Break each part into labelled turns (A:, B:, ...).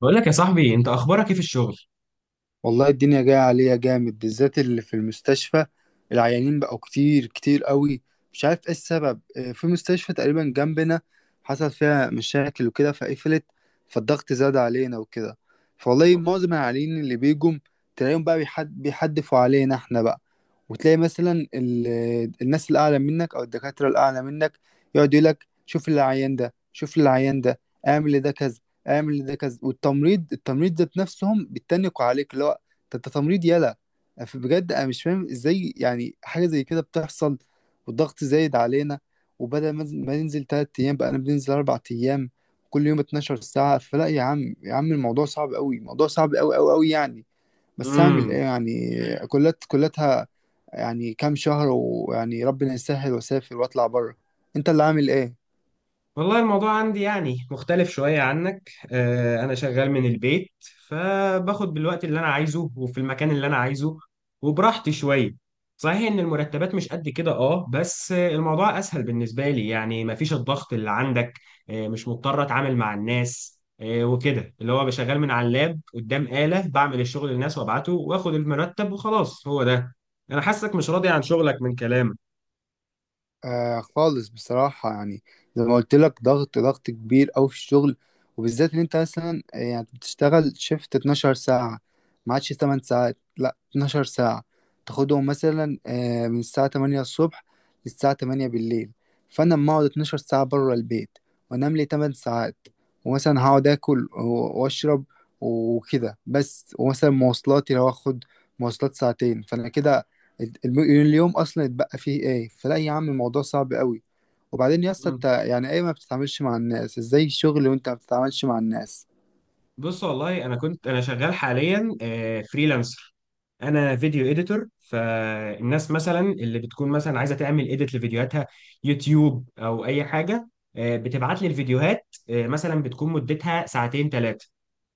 A: بقول لك يا صاحبي، انت اخبارك ايه في الشغل؟
B: والله الدنيا جاية عليا جامد، بالذات اللي في المستشفى. العيانين بقوا كتير كتير قوي. مش عارف ايه السبب. في مستشفى تقريبا جنبنا حصل فيها مشاكل وكده فقفلت، فالضغط زاد علينا وكده. فوالله معظم العيانين اللي بيجوا تلاقيهم بقى بيحدفوا علينا احنا بقى. وتلاقي مثلا الناس الأعلى منك أو الدكاترة الأعلى منك يقعد يقول لك شوف العيان ده شوف العيان ده، اعمل ده كذا اعمل ده كذا. والتمريض ذات نفسهم بيتنقوا عليك، اللي هو ده انت تمريض يالا. بجد انا مش فاهم ازاي يعني حاجه زي كده بتحصل، والضغط زايد علينا. وبدل ما ننزل تلات ايام بقى انا بننزل اربع ايام، كل يوم 12 ساعه. فلا يا عم يا عم، الموضوع صعب قوي، الموضوع صعب قوي قوي قوي يعني. بس اعمل ايه
A: امم.
B: يعني. كلاتها يعني كام شهر، ويعني ربنا يسهل واسافر واطلع بره. انت اللي عامل ايه؟
A: والله الموضوع عندي يعني مختلف شوية عنك، انا شغال من البيت، فباخد بالوقت اللي انا عايزه وفي المكان اللي انا عايزه وبراحتي شوية. صحيح ان المرتبات مش قد كده اه بس الموضوع اسهل بالنسبة لي، يعني مفيش الضغط اللي عندك. مش مضطر اتعامل مع الناس وكده، اللي هو بشغال من على اللاب قدام آلة، بعمل الشغل للناس وابعته واخد المرتب وخلاص، هو ده. انا حاسك مش راضي عن شغلك من كلامك.
B: آه خالص بصراحة يعني. زي ما قلت لك ضغط كبير أوي في الشغل. وبالذات إن أنت مثلا، يعني بتشتغل شيفت 12 ساعة، ما عادش 8 ساعات، لأ 12 ساعة. تاخدهم مثلا من الساعة 8 الصبح للساعة 8 بالليل. فأنا لما أقعد 12 ساعة بره البيت، وأنام لي 8 ساعات، ومثلا هقعد آكل وأشرب وكده بس، ومثلا مواصلاتي لو آخد مواصلات ساعتين، فأنا كده اليوم اصلا اتبقى فيه ايه. فلا يا عم الموضوع صعب قوي. وبعدين يا اسطى، انت يعني ايه ما بتتعاملش مع الناس؟ ازاي الشغل وانت ما بتتعاملش مع الناس؟
A: بص، والله انا كنت انا شغال حاليا فريلانسر. انا فيديو اديتور، فالناس مثلا اللي بتكون مثلا عايزه تعمل اديت لفيديوهاتها يوتيوب او اي حاجه، بتبعت لي الفيديوهات، مثلا بتكون مدتها ساعتين ثلاثه.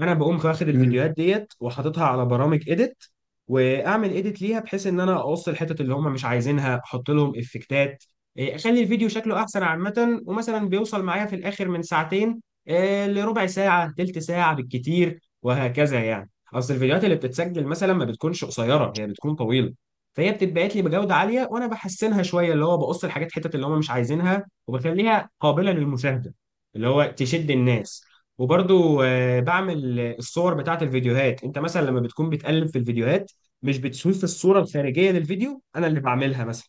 A: انا بقوم واخد
B: امم.
A: الفيديوهات ديت وحاططها على برامج اديت، واعمل اديت ليها، بحيث ان انا اقص الحتت اللي هم مش عايزينها، احط لهم افكتات، إيه، اخلي الفيديو شكله احسن عامه. ومثلا بيوصل معايا في الاخر من ساعتين، إيه، لربع ساعه تلت ساعه بالكتير، وهكذا. يعني اصل الفيديوهات اللي بتتسجل مثلا ما بتكونش قصيره، هي بتكون طويله، فهي بتتبعت لي بجوده عاليه وانا بحسنها شويه، اللي هو بقص الحاجات حتت اللي هم مش عايزينها، وبخليها قابله للمشاهده، اللي هو تشد الناس. وبرضو بعمل الصور بتاعت الفيديوهات. انت مثلا لما بتكون بتقلب في الفيديوهات، مش بتشوف الصورة الخارجية للفيديو؟ انا اللي بعملها مثلا.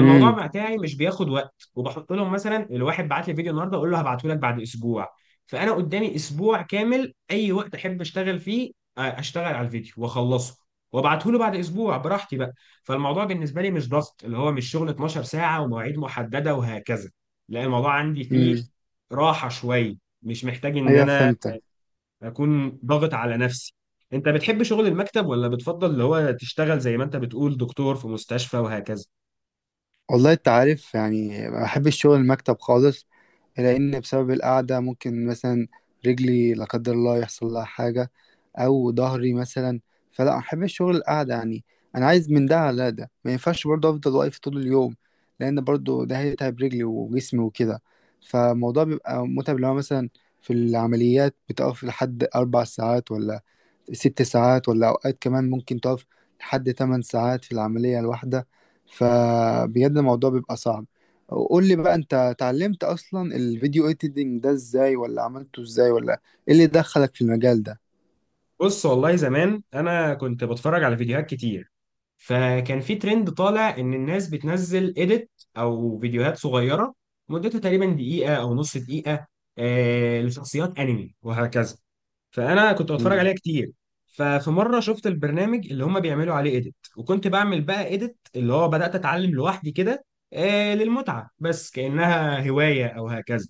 B: امم.
A: بتاعي مش بياخد وقت، وبحط لهم مثلا الواحد بعت لي فيديو النهارده اقول له هبعته لك بعد اسبوع، فانا قدامي اسبوع كامل اي وقت احب اشتغل فيه، اشتغل على الفيديو واخلصه وابعته له بعد اسبوع براحتي بقى. فالموضوع بالنسبه لي مش ضغط، اللي هو مش شغل 12 ساعه ومواعيد محدده وهكذا، لا الموضوع عندي
B: امم.
A: فيه راحه شويه، مش محتاج ان
B: ايوه
A: انا
B: فهمتك.
A: اكون ضاغط على نفسي. انت بتحب شغل المكتب ولا بتفضل اللي هو تشتغل زي ما انت بتقول دكتور في مستشفى وهكذا؟
B: والله انت عارف يعني ما بحب الشغل المكتب خالص، لأن بسبب القعدة ممكن مثلا رجلي لا قدر الله يحصل لها حاجة، أو ظهري مثلا. فلا أحب الشغل القعدة يعني. أنا عايز من ده على ده، ما ينفعش برضه أفضل واقف طول اليوم، لأن برضه ده هيتعب رجلي وجسمي وكده. فالموضوع بيبقى متعب. لو مثلا في العمليات بتقف لحد أربع ساعات ولا ست ساعات، ولا أوقات كمان ممكن تقف لحد تمن ساعات في العملية الواحدة. فبجد الموضوع بيبقى صعب. قول لي بقى، أنت اتعلمت أصلا الفيديو إيديتنج ده إزاي، ولا عملته إزاي، ولا إيه اللي دخلك في المجال ده؟
A: بص، والله زمان انا كنت بتفرج على فيديوهات كتير، فكان في ترند طالع ان الناس بتنزل اديت او فيديوهات صغيره مدتها تقريبا دقيقه او نص دقيقه، لشخصيات انمي وهكذا، فانا كنت بتفرج
B: مم.
A: عليها كتير. ففي مره شفت البرنامج اللي هم بيعملوا عليه اديت، وكنت بعمل بقى اديت، اللي هو بدات اتعلم لوحدي كده، للمتعه بس كانها هوايه او هكذا.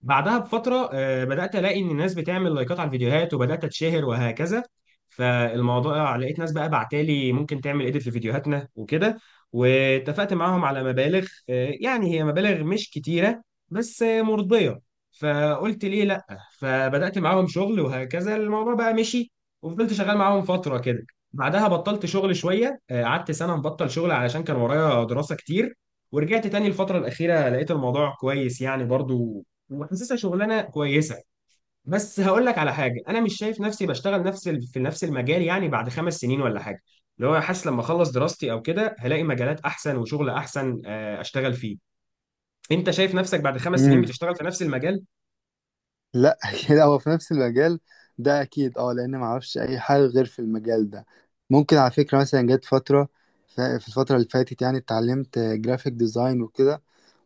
A: بعدها بفترة بدأت ألاقي إن الناس بتعمل لايكات على الفيديوهات وبدأت أتشهر وهكذا، فالموضوع لقيت ناس بقى بعتالي ممكن تعمل إيديت في فيديوهاتنا وكده، واتفقت معاهم على مبالغ، يعني هي مبالغ مش كتيرة بس مرضية، فقلت ليه لأ، فبدأت معاهم شغل وهكذا، الموضوع بقى مشي وفضلت شغال معاهم فترة كده. بعدها بطلت شغل شوية، قعدت سنة مبطل شغل علشان كان ورايا دراسة كتير. ورجعت تاني الفترة الأخيرة لقيت الموضوع كويس يعني برضو، وحاسسها شغلانه كويسه. بس هقول لك على حاجه، انا مش شايف نفسي بشتغل نفس في نفس المجال يعني بعد 5 سنين ولا حاجه، اللي هو حاسس لما اخلص دراستي او كده هلاقي مجالات احسن وشغل احسن، اشتغل فيه. انت شايف نفسك بعد 5 سنين
B: مم.
A: بتشتغل في نفس المجال؟
B: لا كده هو في نفس المجال ده أكيد. أه لأن معرفش أي حاجة غير في المجال ده. ممكن على فكرة مثلا جت فترة، في الفترة اللي فاتت يعني اتعلمت جرافيك ديزاين وكده.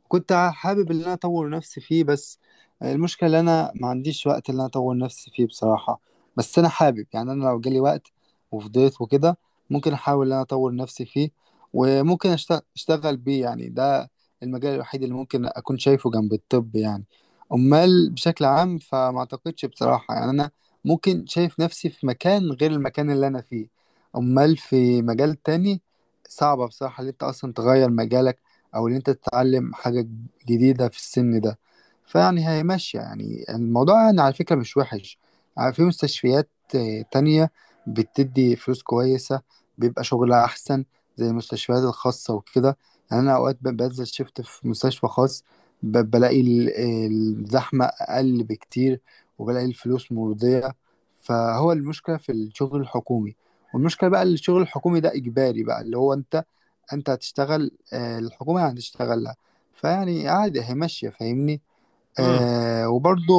B: كنت حابب ان انا اطور نفسي فيه، بس المشكله ان انا ما عنديش وقت ان انا اطور نفسي فيه بصراحه. بس انا حابب يعني، انا لو جالي وقت وفضيت وكده ممكن احاول ان انا اطور نفسي فيه، وممكن اشتغل بيه. يعني ده المجال الوحيد اللي ممكن اكون شايفه جنب الطب يعني. امال بشكل عام فما اعتقدش بصراحه، يعني انا ممكن شايف نفسي في مكان غير المكان اللي انا فيه؟ امال في مجال تاني؟ صعبة بصراحة اللي انت اصلا تغير مجالك، او ان انت تتعلم حاجة جديدة في السن ده. فيعني هي ماشية يعني، الموضوع يعني على فكرة مش وحش. في مستشفيات تانية بتدي فلوس كويسة، بيبقى شغلها أحسن، زي المستشفيات الخاصة وكده. يعني أنا أوقات بنزل شفت في مستشفى خاص، بلاقي الزحمة أقل بكتير، وبلاقي الفلوس مرضية. فهو المشكلة في الشغل الحكومي. والمشكلة بقى الشغل الحكومي ده إجباري بقى، اللي هو أنت انت هتشتغل، الحكومة هتشتغل لها. فيعني عادي هي ماشية، فاهمني. آه وبرضه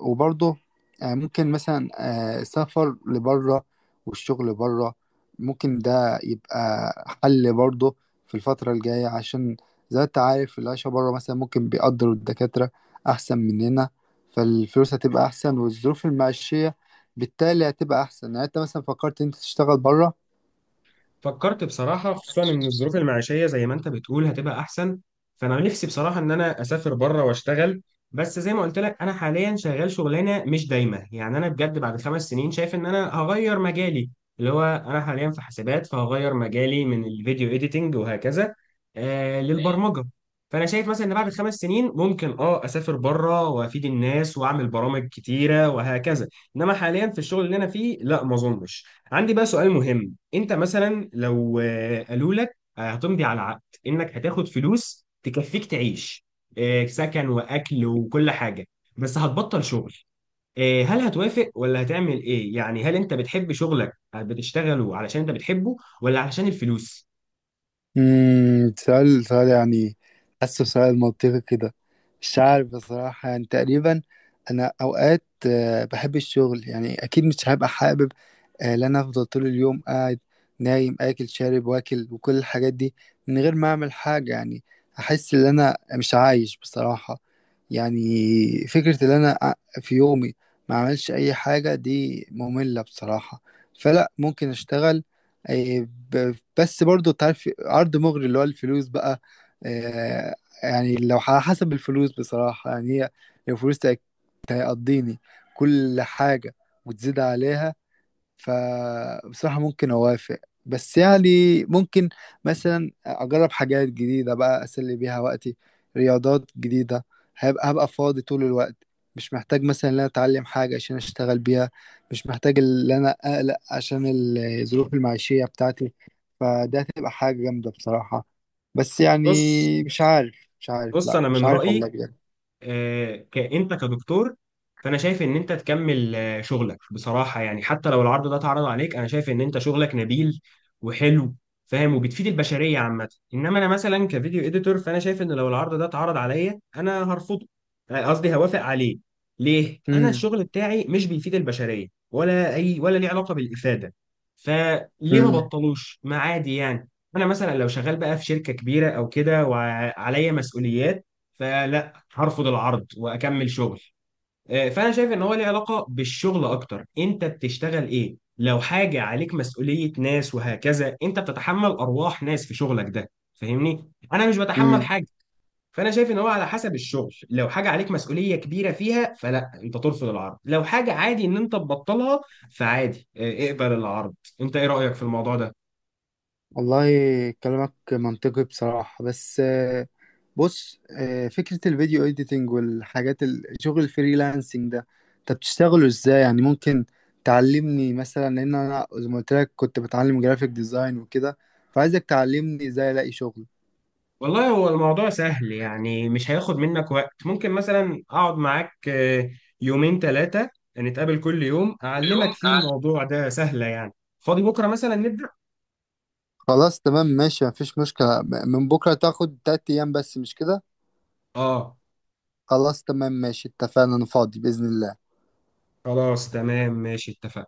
B: وبرضه آه ممكن مثلا آه السفر لبره والشغل بره، ممكن ده يبقى حل برضه في الفترة الجاية، عشان زي ما انت عارف العيشة بره مثلا ممكن بيقدروا الدكاترة أحسن مننا. فالفلوس هتبقى أحسن، والظروف المعيشية بالتالي هتبقى أحسن. يعني انت مثلا فكرت انت تشتغل بره؟
A: فكرت بصراحة، خصوصا إن الظروف المعيشية زي ما أنت بتقول هتبقى أحسن، فأنا نفسي بصراحة إن أنا أسافر بره وأشتغل. بس زي ما قلت لك، أنا حاليا شغال شغلانة مش دايمة، يعني أنا بجد بعد 5 سنين شايف إن أنا هغير مجالي، اللي هو أنا حاليا في حاسبات، فهغير مجالي من الفيديو إيديتنج وهكذا للبرمجة. فأنا شايف مثلا إن بعد 5 سنين ممكن أسافر بره وأفيد الناس وأعمل برامج كتيرة وهكذا، إنما حاليا في الشغل اللي أنا فيه لا، ما أظنش. عندي بقى سؤال مهم. انت مثلا لو قالوا لك هتمضي على عقد انك هتاخد فلوس تكفيك تعيش، سكن واكل وكل حاجه، بس هتبطل شغل، هل هتوافق ولا هتعمل ايه؟ يعني هل انت بتحب شغلك بتشتغله علشان انت بتحبه ولا علشان الفلوس؟
B: امم. سؤال يعني، حاسه سؤال منطقي كده. مش عارف بصراحة يعني. تقريبا أنا أوقات بحب الشغل يعني. أكيد مش هبقى حابب إن أنا أفضل طول اليوم قاعد نايم آكل شارب واكل وكل الحاجات دي من غير ما أعمل حاجة يعني. أحس إن أنا مش عايش بصراحة يعني. فكرة إن أنا في يومي ما أعملش أي حاجة دي مملة بصراحة. فلا ممكن أشتغل. إيه، بس برضو تعرف عرض مغري اللي هو الفلوس بقى. آه، يعني لو على حسب الفلوس بصراحة يعني، هي لو فلوس تقضيني كل حاجة وتزيد عليها، فبصراحة ممكن أوافق. بس يعني ممكن مثلا أجرب حاجات جديدة بقى أسلي بيها وقتي، رياضات جديدة. هبقى فاضي طول الوقت، مش محتاج مثلا إن أنا أتعلم حاجة عشان أشتغل بيها، مش محتاج إن أنا أقلق عشان الظروف المعيشية بتاعتي. فده هتبقى حاجة جامدة بصراحة. بس يعني
A: بص،
B: مش عارف
A: بص
B: لا
A: انا
B: مش
A: من
B: عارف
A: رايي
B: والله بجد.
A: انت كدكتور، فانا شايف ان انت تكمل شغلك، بصراحه يعني حتى لو العرض ده اتعرض عليك انا شايف ان انت شغلك نبيل وحلو، فاهم، وبتفيد البشريه عامه. انما انا مثلا كفيديو اديتور، فانا شايف ان لو العرض ده اتعرض عليا انا هرفضه، قصدي هوافق عليه. ليه؟ انا
B: امم.
A: الشغل بتاعي مش بيفيد البشريه ولا اي، ولا ليه علاقه بالافاده، فليه ما
B: امم.
A: بطلوش، ما عادي يعني. انا مثلا لو شغال بقى في شركه كبيره او كده وعليا مسؤوليات فلا، هرفض العرض واكمل شغل. فانا شايف ان هو ليه علاقه بالشغل اكتر، انت بتشتغل ايه لو حاجه عليك مسؤوليه ناس وهكذا، انت بتتحمل ارواح ناس في شغلك ده، فاهمني. انا مش بتحمل
B: امم.
A: حاجه، فانا شايف ان هو على حسب الشغل، لو حاجه عليك مسؤوليه كبيره فيها فلا انت ترفض العرض، لو حاجه عادي ان انت تبطلها فعادي اقبل العرض. انت ايه رايك في الموضوع ده؟
B: والله كلامك منطقي بصراحة. بس بص، فكرة الفيديو اديتنج والحاجات شغل الفريلانسنج ده انت بتشتغله ازاي يعني؟ ممكن تعلمني مثلا؟ لان انا زي ما قلت لك كنت بتعلم جرافيك ديزاين وكده. فعايزك تعلمني ازاي الاقي شغل.
A: والله هو الموضوع سهل، يعني مش هياخد منك وقت. ممكن مثلا اقعد معاك يومين ثلاثة، نتقابل كل يوم اعلمك
B: يوم
A: فيه،
B: أع-
A: الموضوع ده سهلة يعني. فاضي بكرة مثلا نبدأ.
B: خلاص تمام ماشي، مفيش مشكلة. من بكرة، تاخد تلات ايام بس مش كده.
A: اه،
B: خلاص تمام ماشي اتفقنا، انا فاضي بإذن الله.
A: خلاص تمام ماشي اتفقنا.